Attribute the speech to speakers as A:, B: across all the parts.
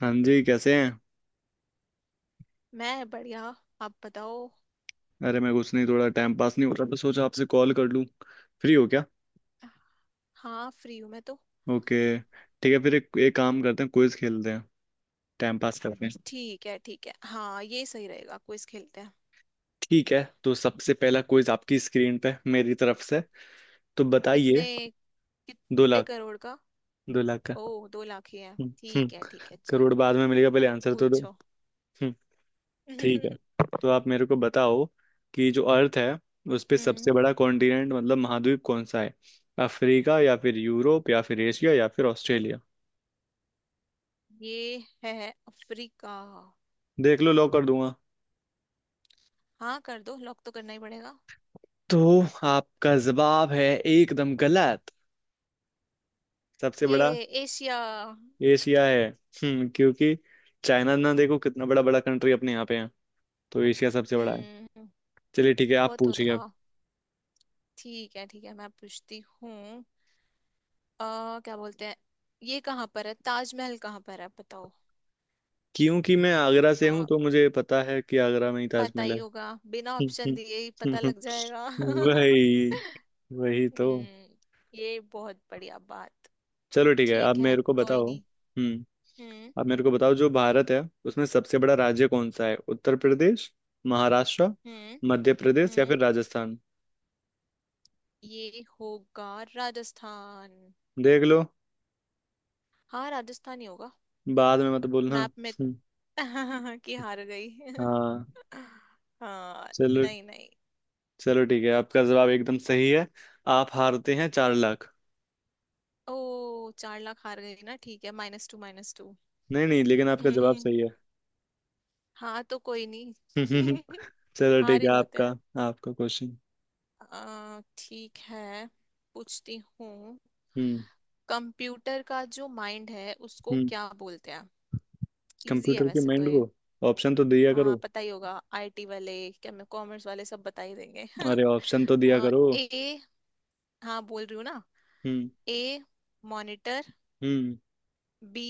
A: हाँ जी कैसे हैं।
B: मैं बढ़िया। आप बताओ।
A: अरे मैं कुछ नहीं, थोड़ा टाइम पास नहीं हो रहा था, सोचा आपसे कॉल कर लूँ। फ्री हो क्या?
B: हाँ फ्री हूँ मैं तो।
A: ओके। ठीक है, फिर एक काम करते हैं, क्विज खेलते हैं, टाइम पास करते हैं।
B: ठीक है ठीक है, हाँ ये सही रहेगा, क्विज खेलते हैं।
A: ठीक है, तो सबसे पहला क्विज आपकी स्क्रीन पे मेरी तरफ से, तो
B: कितने
A: बताइए। दो
B: कितने
A: लाख
B: करोड़ का?
A: 2 लाख का।
B: ओ 2 लाख ही है,
A: हम्म। हम्म,
B: ठीक है ठीक है
A: करोड़ बाद
B: चलो।
A: में मिलेगा, पहले आंसर तो दो।
B: पूछो।
A: हम्म। ठीक है,
B: हम्म।
A: तो आप मेरे को बताओ कि जो अर्थ है उस पे सबसे बड़ा कॉन्टिनेंट, मतलब महाद्वीप, कौन सा है? अफ्रीका, या फिर यूरोप, या फिर एशिया, या फिर ऑस्ट्रेलिया।
B: ये है अफ्रीका।
A: देख लो, लॉक कर दूंगा।
B: हाँ कर दो, लॉक तो करना ही पड़ेगा।
A: तो आपका जवाब है एकदम गलत। सबसे बड़ा
B: ये एशिया।
A: एशिया है। हम्म, क्योंकि चाइना ना देखो, कितना बड़ा बड़ा कंट्री अपने यहाँ पे है, तो एशिया सबसे बड़ा है।
B: हम्म।
A: चलिए ठीक है,
B: वो
A: आप
B: तो
A: पूछिए
B: था।
A: अब।
B: ठीक है ठीक है, मैं पूछती हूँ। आ क्या बोलते हैं? ये कहाँ पर है ताजमहल कहाँ पर है, बताओ।
A: क्योंकि मैं आगरा से हूँ, तो मुझे पता है कि आगरा में ही
B: पता
A: ताजमहल
B: ही
A: है।
B: होगा, बिना ऑप्शन
A: हम्म,
B: दिए ही
A: हम्म,
B: पता
A: हम्म,
B: लग जाएगा।
A: वही, वही तो।
B: हम्म। ये बहुत बढ़िया बात।
A: चलो ठीक है, आप
B: ठीक है,
A: मेरे को
B: कोई
A: बताओ।
B: नहीं।
A: हम्म।
B: हम्म
A: आप मेरे को बताओ जो भारत है, उसमें सबसे बड़ा राज्य कौन सा है? उत्तर प्रदेश, महाराष्ट्र,
B: हम्म
A: मध्य प्रदेश, या
B: हम्म।
A: फिर राजस्थान?
B: ये होगा राजस्थान।
A: देख लो,
B: हाँ राजस्थान ही होगा।
A: बाद में मत बोलना।
B: मैप में। कि हार गई।
A: हाँ।
B: हाँ।
A: चलो।
B: नहीं नहीं।
A: चलो ठीक है, आपका जवाब एकदम सही है। आप हारते हैं 4 लाख।
B: ओ 4 लाख हार गई ना, ठीक है माइनस टू माइनस टू।
A: नहीं नहीं, लेकिन आपका जवाब सही है।
B: हाँ तो कोई नहीं।
A: चलो
B: हार
A: ठीक
B: ही
A: है,
B: जाते
A: आपका,
B: हैं।
A: आपका क्वेश्चन।
B: ठीक है, पूछती हूँ।
A: हम्म।
B: कंप्यूटर का जो माइंड है उसको
A: हम्म।
B: क्या बोलते हैं? इजी है
A: कंप्यूटर के
B: वैसे तो
A: माइंड
B: ये।
A: को ऑप्शन तो दिया
B: हाँ
A: करो।
B: पता ही होगा, आईटी वाले क्या, मैं कॉमर्स वाले सब बता ही देंगे।
A: अरे, ऑप्शन तो दिया करो।
B: ए। हाँ बोल रही हूँ ना।
A: हम्म।
B: ए मॉनिटर,
A: हम्म।
B: बी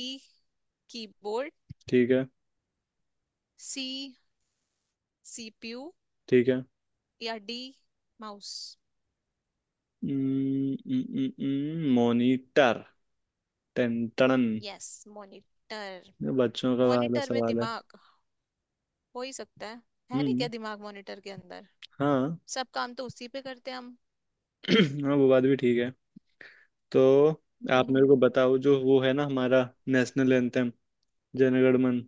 B: कीबोर्ड,
A: ठीक है,
B: सी सीपीयू,
A: ठीक है।
B: या डी माउस।
A: मॉनिटर, टेंटन,
B: यस मॉनिटर।
A: बच्चों का वाला
B: मॉनिटर में
A: सवाल है।
B: दिमाग हो ही सकता है। है नहीं
A: हम्म।
B: क्या दिमाग मॉनिटर के अंदर?
A: हाँ।
B: सब काम तो उसी पे करते हैं हम।
A: हाँ, वो बात भी ठीक है। तो आप मेरे को
B: हम्म
A: बताओ जो वो है ना हमारा, नेशनल एंथम, जनगण मन,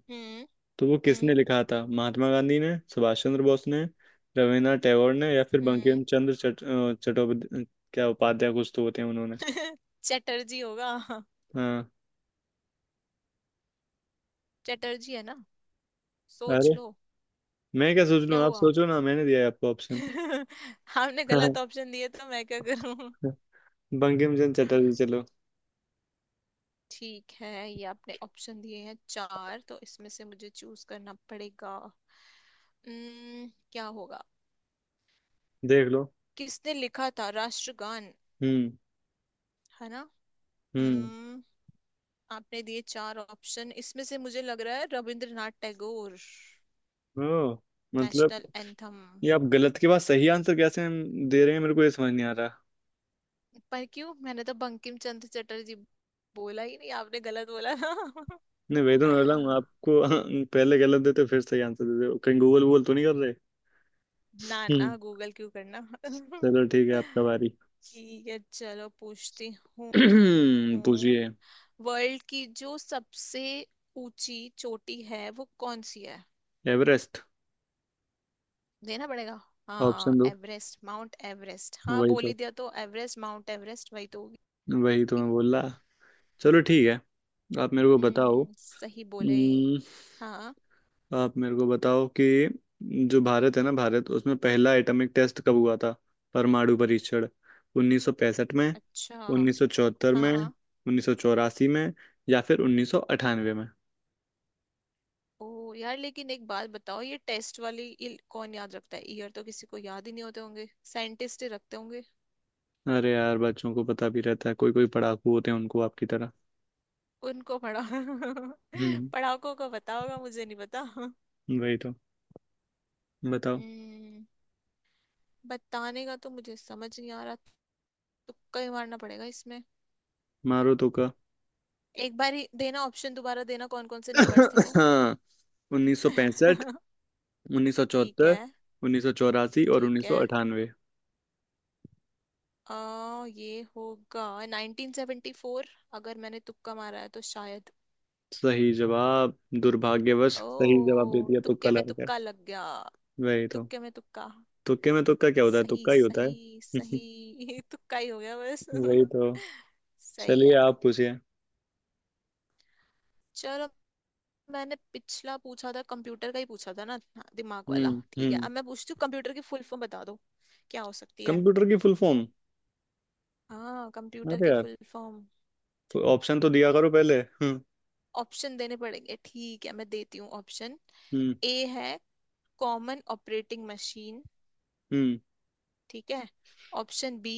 A: तो वो
B: हम्म
A: किसने लिखा था? महात्मा गांधी ने, सुभाष चंद्र बोस ने, रविन्द्रनाथ टैगोर ने, या फिर बंकिम
B: हम्म।
A: चंद्र चट्टोपाध्याय, क्या उपाध्याय, कुछ तो होते हैं उन्होंने।
B: चटर्जी होगा।
A: हाँ।
B: चटर्जी है ना, सोच
A: अरे,
B: लो।
A: मैं क्या सोच
B: क्या
A: लूँ? आप
B: हुआ?
A: सोचो ना, मैंने दिया है आपको ऑप्शन।
B: आपने गलत ऑप्शन दिए तो मैं क्या करूं?
A: बंकिम चंद्र चटर्जी, चलो।
B: ठीक है, ये आपने ऑप्शन दिए हैं चार, तो इसमें से मुझे चूज करना पड़ेगा। क्या होगा?
A: देख लो।
B: किसने लिखा था राष्ट्रगान,
A: हम्म।
B: है ना?
A: हम्म।
B: उम्म, आपने दिए चार ऑप्शन, इसमें से मुझे लग रहा है रविंद्रनाथ टैगोर,
A: ओ, मतलब
B: नेशनल एंथम।
A: ये आप गलत के बाद सही आंसर कैसे हम दे रहे हैं? मेरे को ये समझ नहीं आ रहा।
B: पर क्यों, मैंने तो बंकिम चंद्र चटर्जी बोला ही नहीं, आपने गलत बोला ना।
A: नहीं, वही तो मैं बोला हूँ आपको। पहले गलत देते, फिर सही आंसर देते हो। कहीं गूगल वूगल तो नहीं कर रहे?
B: ना ना,
A: हम्म।
B: गूगल क्यों करना।
A: चलो ठीक है, आपका बारी।
B: ठीक है, चलो पूछती हूँ।
A: पूछिए।
B: वर्ल्ड की जो सबसे ऊंची चोटी है वो कौन सी है?
A: एवरेस्ट।
B: देना पड़ेगा। हाँ
A: ऑप्शन दो,
B: एवरेस्ट माउंट एवरेस्ट, हाँ
A: वही
B: बोल
A: तो,
B: ही दिया तो एवरेस्ट माउंट एवरेस्ट वही तो होगी।
A: वही तो मैं बोल रहा। चलो ठीक है, आप मेरे को बताओ।
B: सही बोले।
A: हम्म,
B: हाँ।
A: आप मेरे को बताओ कि जो भारत है ना, भारत, उसमें पहला एटॉमिक टेस्ट कब हुआ था, परमाणु परीक्षण? 1965 में,
B: अच्छा।
A: 1974 में,
B: हाँ।
A: 1984 में, या फिर 1998 में?
B: ओ यार, लेकिन एक बात बताओ, ये टेस्ट वाली ये कौन याद रखता है, ईयर तो किसी को याद ही नहीं होते होंगे, साइंटिस्ट ही रखते होंगे।
A: अरे यार, बच्चों को पता भी रहता है, कोई कोई पढ़ाकू होते हैं उनको, आपकी तरह।
B: उनको पढ़ा,
A: हम्म,
B: पढ़ाकों को पता होगा, मुझे नहीं पता।
A: वही तो। बताओ।
B: हम्म। बताने का तो मुझे समझ नहीं आ रहा, तुक्का ही मारना पड़ेगा इसमें।
A: मारो तुक्का।
B: एक बार ही देना ऑप्शन, दोबारा देना कौन कौन से नंबर्स थे वो।
A: हाँ, 1965,
B: ठीक
A: 1974,
B: है।
A: 1984 और
B: ठीक है।
A: 1998।
B: ये होगा 1974, अगर मैंने तुक्का मारा है तो शायद।
A: सही जवाब, दुर्भाग्यवश सही जवाब दे
B: ओ
A: दिया, तुक्का
B: तुक्के में
A: लगा।
B: तुक्का लग गया।
A: वही तो।
B: तुक्के में तुक्का।
A: तुक्के में तुक्का क्या होता है,
B: सही
A: तुक्का ही होता
B: सही
A: है।
B: सही। तुक्का ही हो गया बस।
A: वही तो।
B: सही है।
A: चलिए आप पूछिए।
B: चलो। मैंने पिछला पूछा था, कंप्यूटर का ही पूछा था ना, हाँ, दिमाग वाला।
A: हम्म।
B: ठीक है,
A: हम्म।
B: अब मैं पूछती हूँ कंप्यूटर की फुल फॉर्म बता दो, क्या हो सकती है।
A: कंप्यूटर की फुल फॉर्म।
B: हाँ कंप्यूटर
A: अरे
B: की
A: यार,
B: फुल फॉर्म।
A: ऑप्शन तो दिया करो पहले। हम्म।
B: ऑप्शन देने पड़ेंगे, ठीक है मैं देती हूँ ऑप्शन।
A: हम्म।
B: ए है कॉमन ऑपरेटिंग मशीन,
A: हम्म।
B: ठीक है। Option B,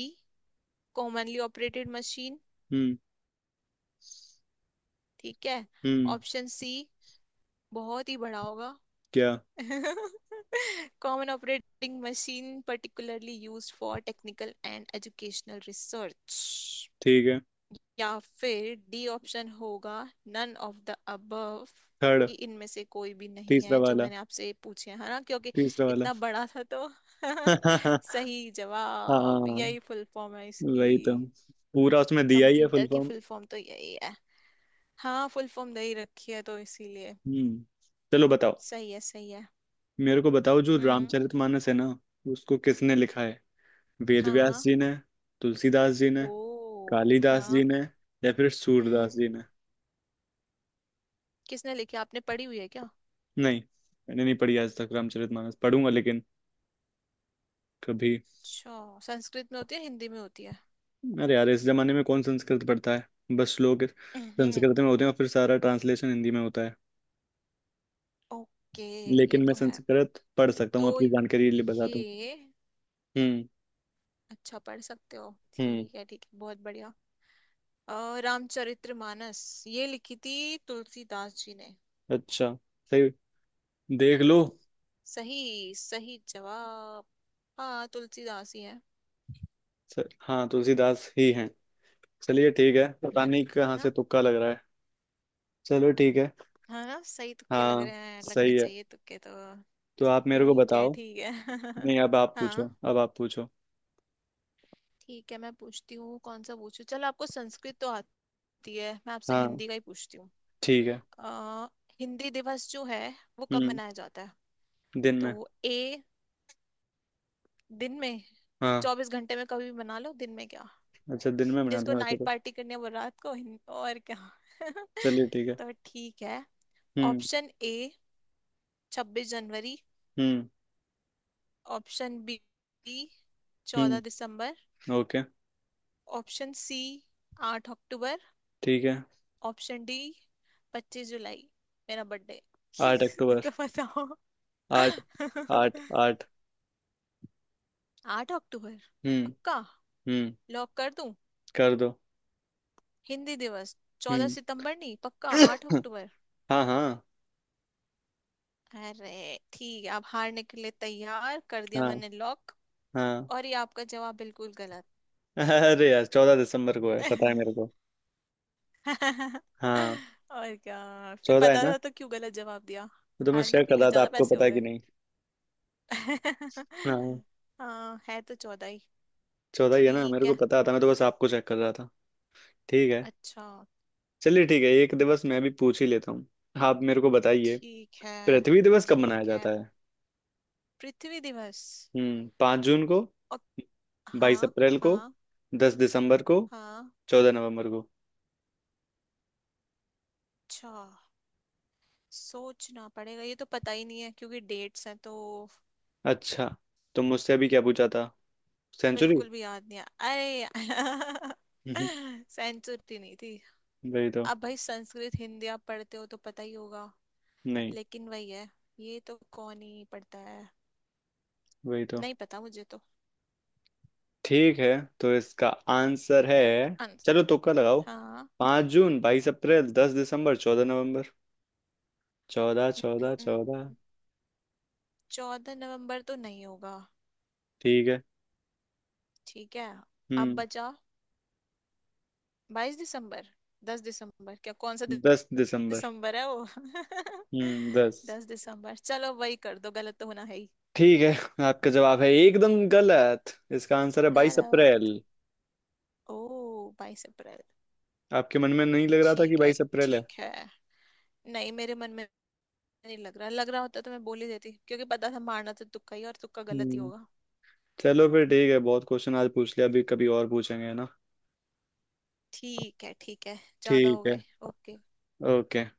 B: commonly operated machine,
A: हम्म।
B: ठीक है।
A: हम्म।
B: ऑप्शन सी बहुत ही बड़ा होगा।
A: क्या?
B: Common operating machine particularly used for technical and educational research.
A: ठीक है।
B: या फिर डी ऑप्शन होगा, none of the above,
A: third,
B: कि इनमें से कोई भी नहीं
A: तीसरा
B: है जो
A: वाला,
B: मैंने आपसे पूछे हैं, है ना, क्योंकि
A: तीसरा वाला।
B: इतना बड़ा था तो।
A: हाँ,
B: सही जवाब, यही फुल फॉर्म है
A: वही तो,
B: इसकी।
A: पूरा उसमें दिया ही है
B: कंप्यूटर
A: फुल
B: की
A: फॉर्म।
B: फुल फॉर्म तो यही है, हाँ, फुल फॉर्म दे ही रखी है तो इसीलिए।
A: हम्म। चलो बताओ।
B: सही है सही है।
A: मेरे को बताओ जो
B: हम्म।
A: रामचरितमानस है ना, उसको किसने लिखा है? वेद व्यास
B: हाँ।
A: जी ने, तुलसीदास जी ने,
B: ओ।
A: कालिदास जी
B: हाँ।
A: ने, या फिर
B: हम्म।
A: सूरदास जी ने?
B: किसने लिखी, आपने पढ़ी हुई है क्या?
A: नहीं, मैंने नहीं पढ़ी आज तक, रामचरितमानस पढ़ूंगा लेकिन कभी।
B: अच्छा, संस्कृत में होती है हिंदी में होती है?
A: अरे यार, इस जमाने में कौन संस्कृत पढ़ता है? बस लोग संस्कृत में होते हैं और फिर सारा ट्रांसलेशन हिंदी में होता है।
B: ओके। ये
A: लेकिन मैं
B: तो है,
A: संस्कृत पढ़ सकता हूँ,
B: तो
A: अपनी जानकारी के लिए बता दूं।
B: ये।
A: हम्म।
B: अच्छा पढ़ सकते हो,
A: हम्म।
B: ठीक है ठीक है, बहुत बढ़िया। रामचरितमानस ये लिखी थी तुलसीदास जी ने।
A: अच्छा, सही, देख लो।
B: सही सही जवाब। हाँ तुलसीदास ही है।
A: सर, हाँ, तुलसीदास ही हैं। चलिए ठीक है, पता
B: है
A: नहीं कहाँ
B: ना।
A: से तुक्का लग रहा है। चलो ठीक है।
B: हाँ ना, सही तुक्के लग
A: हाँ,
B: रहे हैं, लगने
A: सही है।
B: चाहिए तुक्के तो।
A: तो आप मेरे को
B: ठीक है
A: बताओ।
B: ठीक है।
A: नहीं, अब आप
B: हाँ।
A: पूछो, अब आप पूछो।
B: ठीक है मैं पूछती हूँ, कौन सा पूछूं, चलो, आपको संस्कृत तो आती है, मैं आपसे
A: हाँ
B: हिंदी का ही पूछती हूँ।
A: ठीक है।
B: अ, हिंदी दिवस जो है वो कब
A: हम्म।
B: मनाया जाता है?
A: दिन में।
B: तो ए दिन में,
A: हाँ,
B: 24 घंटे में कभी भी मना लो, दिन में क्या,
A: अच्छा, दिन में बनाते
B: जिसको
A: हैं वैसे
B: नाइट
A: तो।
B: पार्टी करनी है वो रात को और क्या।
A: चलिए ठीक है।
B: तो ठीक है।
A: हम्म।
B: ऑप्शन ए 26 जनवरी,
A: हम्म।
B: ऑप्शन बी चौदह
A: हम्म।
B: दिसंबर
A: ओके।
B: ऑप्शन सी आठ अक्टूबर,
A: ठीक है।
B: ऑप्शन डी 25 जुलाई, मेरा बर्थडे।
A: आठ अक्टूबर।
B: तो बताओ।
A: आठ, आठ, आठ।
B: आठ अक्टूबर
A: हम्म।
B: पक्का।
A: हम्म।
B: लॉक कर दूं?
A: कर दो।
B: हिंदी दिवस चौदह
A: हम्म।
B: सितंबर नहीं, पक्का आठ अक्टूबर।
A: हाँ हाँ।
B: अरे ठीक है, आप हारने के लिए तैयार, कर दिया
A: हाँ।
B: मैंने लॉक।
A: हाँ।
B: और ये आपका जवाब बिल्कुल गलत।
A: अरे यार, 14 दिसंबर को है, पता है मेरे को। हाँ।
B: और क्या फिर,
A: चौदह है
B: पता
A: ना,
B: था तो क्यों गलत जवाब दिया,
A: वो तो मैं
B: हारने
A: चेक
B: के
A: कर
B: लिए
A: रहा था
B: ज्यादा
A: आपको
B: पैसे
A: पता
B: हो
A: है कि
B: गए।
A: नहीं। हाँ,
B: हाँ, है तो चौदह ही।
A: चौदह ही है ना,
B: ठीक
A: मेरे को
B: है।
A: पता था, मैं तो बस आपको चेक कर रहा था। ठीक है।
B: अच्छा।
A: चलिए ठीक है, एक दिवस मैं भी पूछ ही लेता हूँ। आप मेरे को बताइए,
B: ठीक है
A: पृथ्वी दिवस कब मनाया
B: ठीक है।
A: जाता है?
B: पृथ्वी दिवस।
A: हम्म। 5 जून को,
B: और।
A: बाईस
B: हाँ।
A: अप्रैल को,
B: हाँ।
A: 10 दिसंबर को,
B: हाँ।
A: 14 नवंबर को।
B: अच्छा, सोचना पड़ेगा, ये तो पता ही नहीं है क्योंकि डेट्स हैं तो।
A: अच्छा, तो मुझसे अभी क्या पूछा था, सेंचुरी?
B: बिल्कुल भी याद नहीं आया। अरे। सेंचुरी नहीं थी।
A: वही तो।
B: अब भाई, संस्कृत हिंदी आप पढ़ते हो तो पता ही होगा।
A: नहीं,
B: लेकिन वही है, ये तो कौन ही पढ़ता है।
A: वही तो।
B: नहीं पता मुझे तो।
A: ठीक है, तो इसका आंसर है,
B: अंस-
A: चलो तुक्का लगाओ।
B: हाँ।
A: 5 जून, 22 अप्रैल, 10 दिसंबर, 14 नवंबर। चौदह, चौदह, चौदह।
B: 14 नवंबर तो नहीं होगा।
A: ठीक है।
B: ठीक है। अब
A: हम्म।
B: बचा 22 दिसंबर, 10 दिसंबर, क्या कौन सा
A: 10 दिसंबर।
B: दिसंबर है वो।
A: हम्म, दस।
B: 10 दिसंबर, चलो वही कर दो, गलत तो होना है ही।
A: ठीक है, आपका जवाब है एकदम गलत, इसका आंसर है बाईस
B: गलत।
A: अप्रैल
B: ओ 22 अप्रैल।
A: आपके मन में नहीं लग रहा था कि
B: ठीक है
A: 22 अप्रैल है?
B: ठीक है। नहीं मेरे मन में नहीं लग रहा, लग रहा होता तो मैं बोल ही देती, क्योंकि पता था मारना तो तुक्का ही, और तुक्का गलत ही
A: हम्म।
B: होगा।
A: चलो फिर ठीक है, बहुत क्वेश्चन आज पूछ लिया, अभी कभी और पूछेंगे, है ना।
B: ठीक है ठीक है, ज्यादा हो
A: ठीक है।
B: गए। ओके।
A: ओके।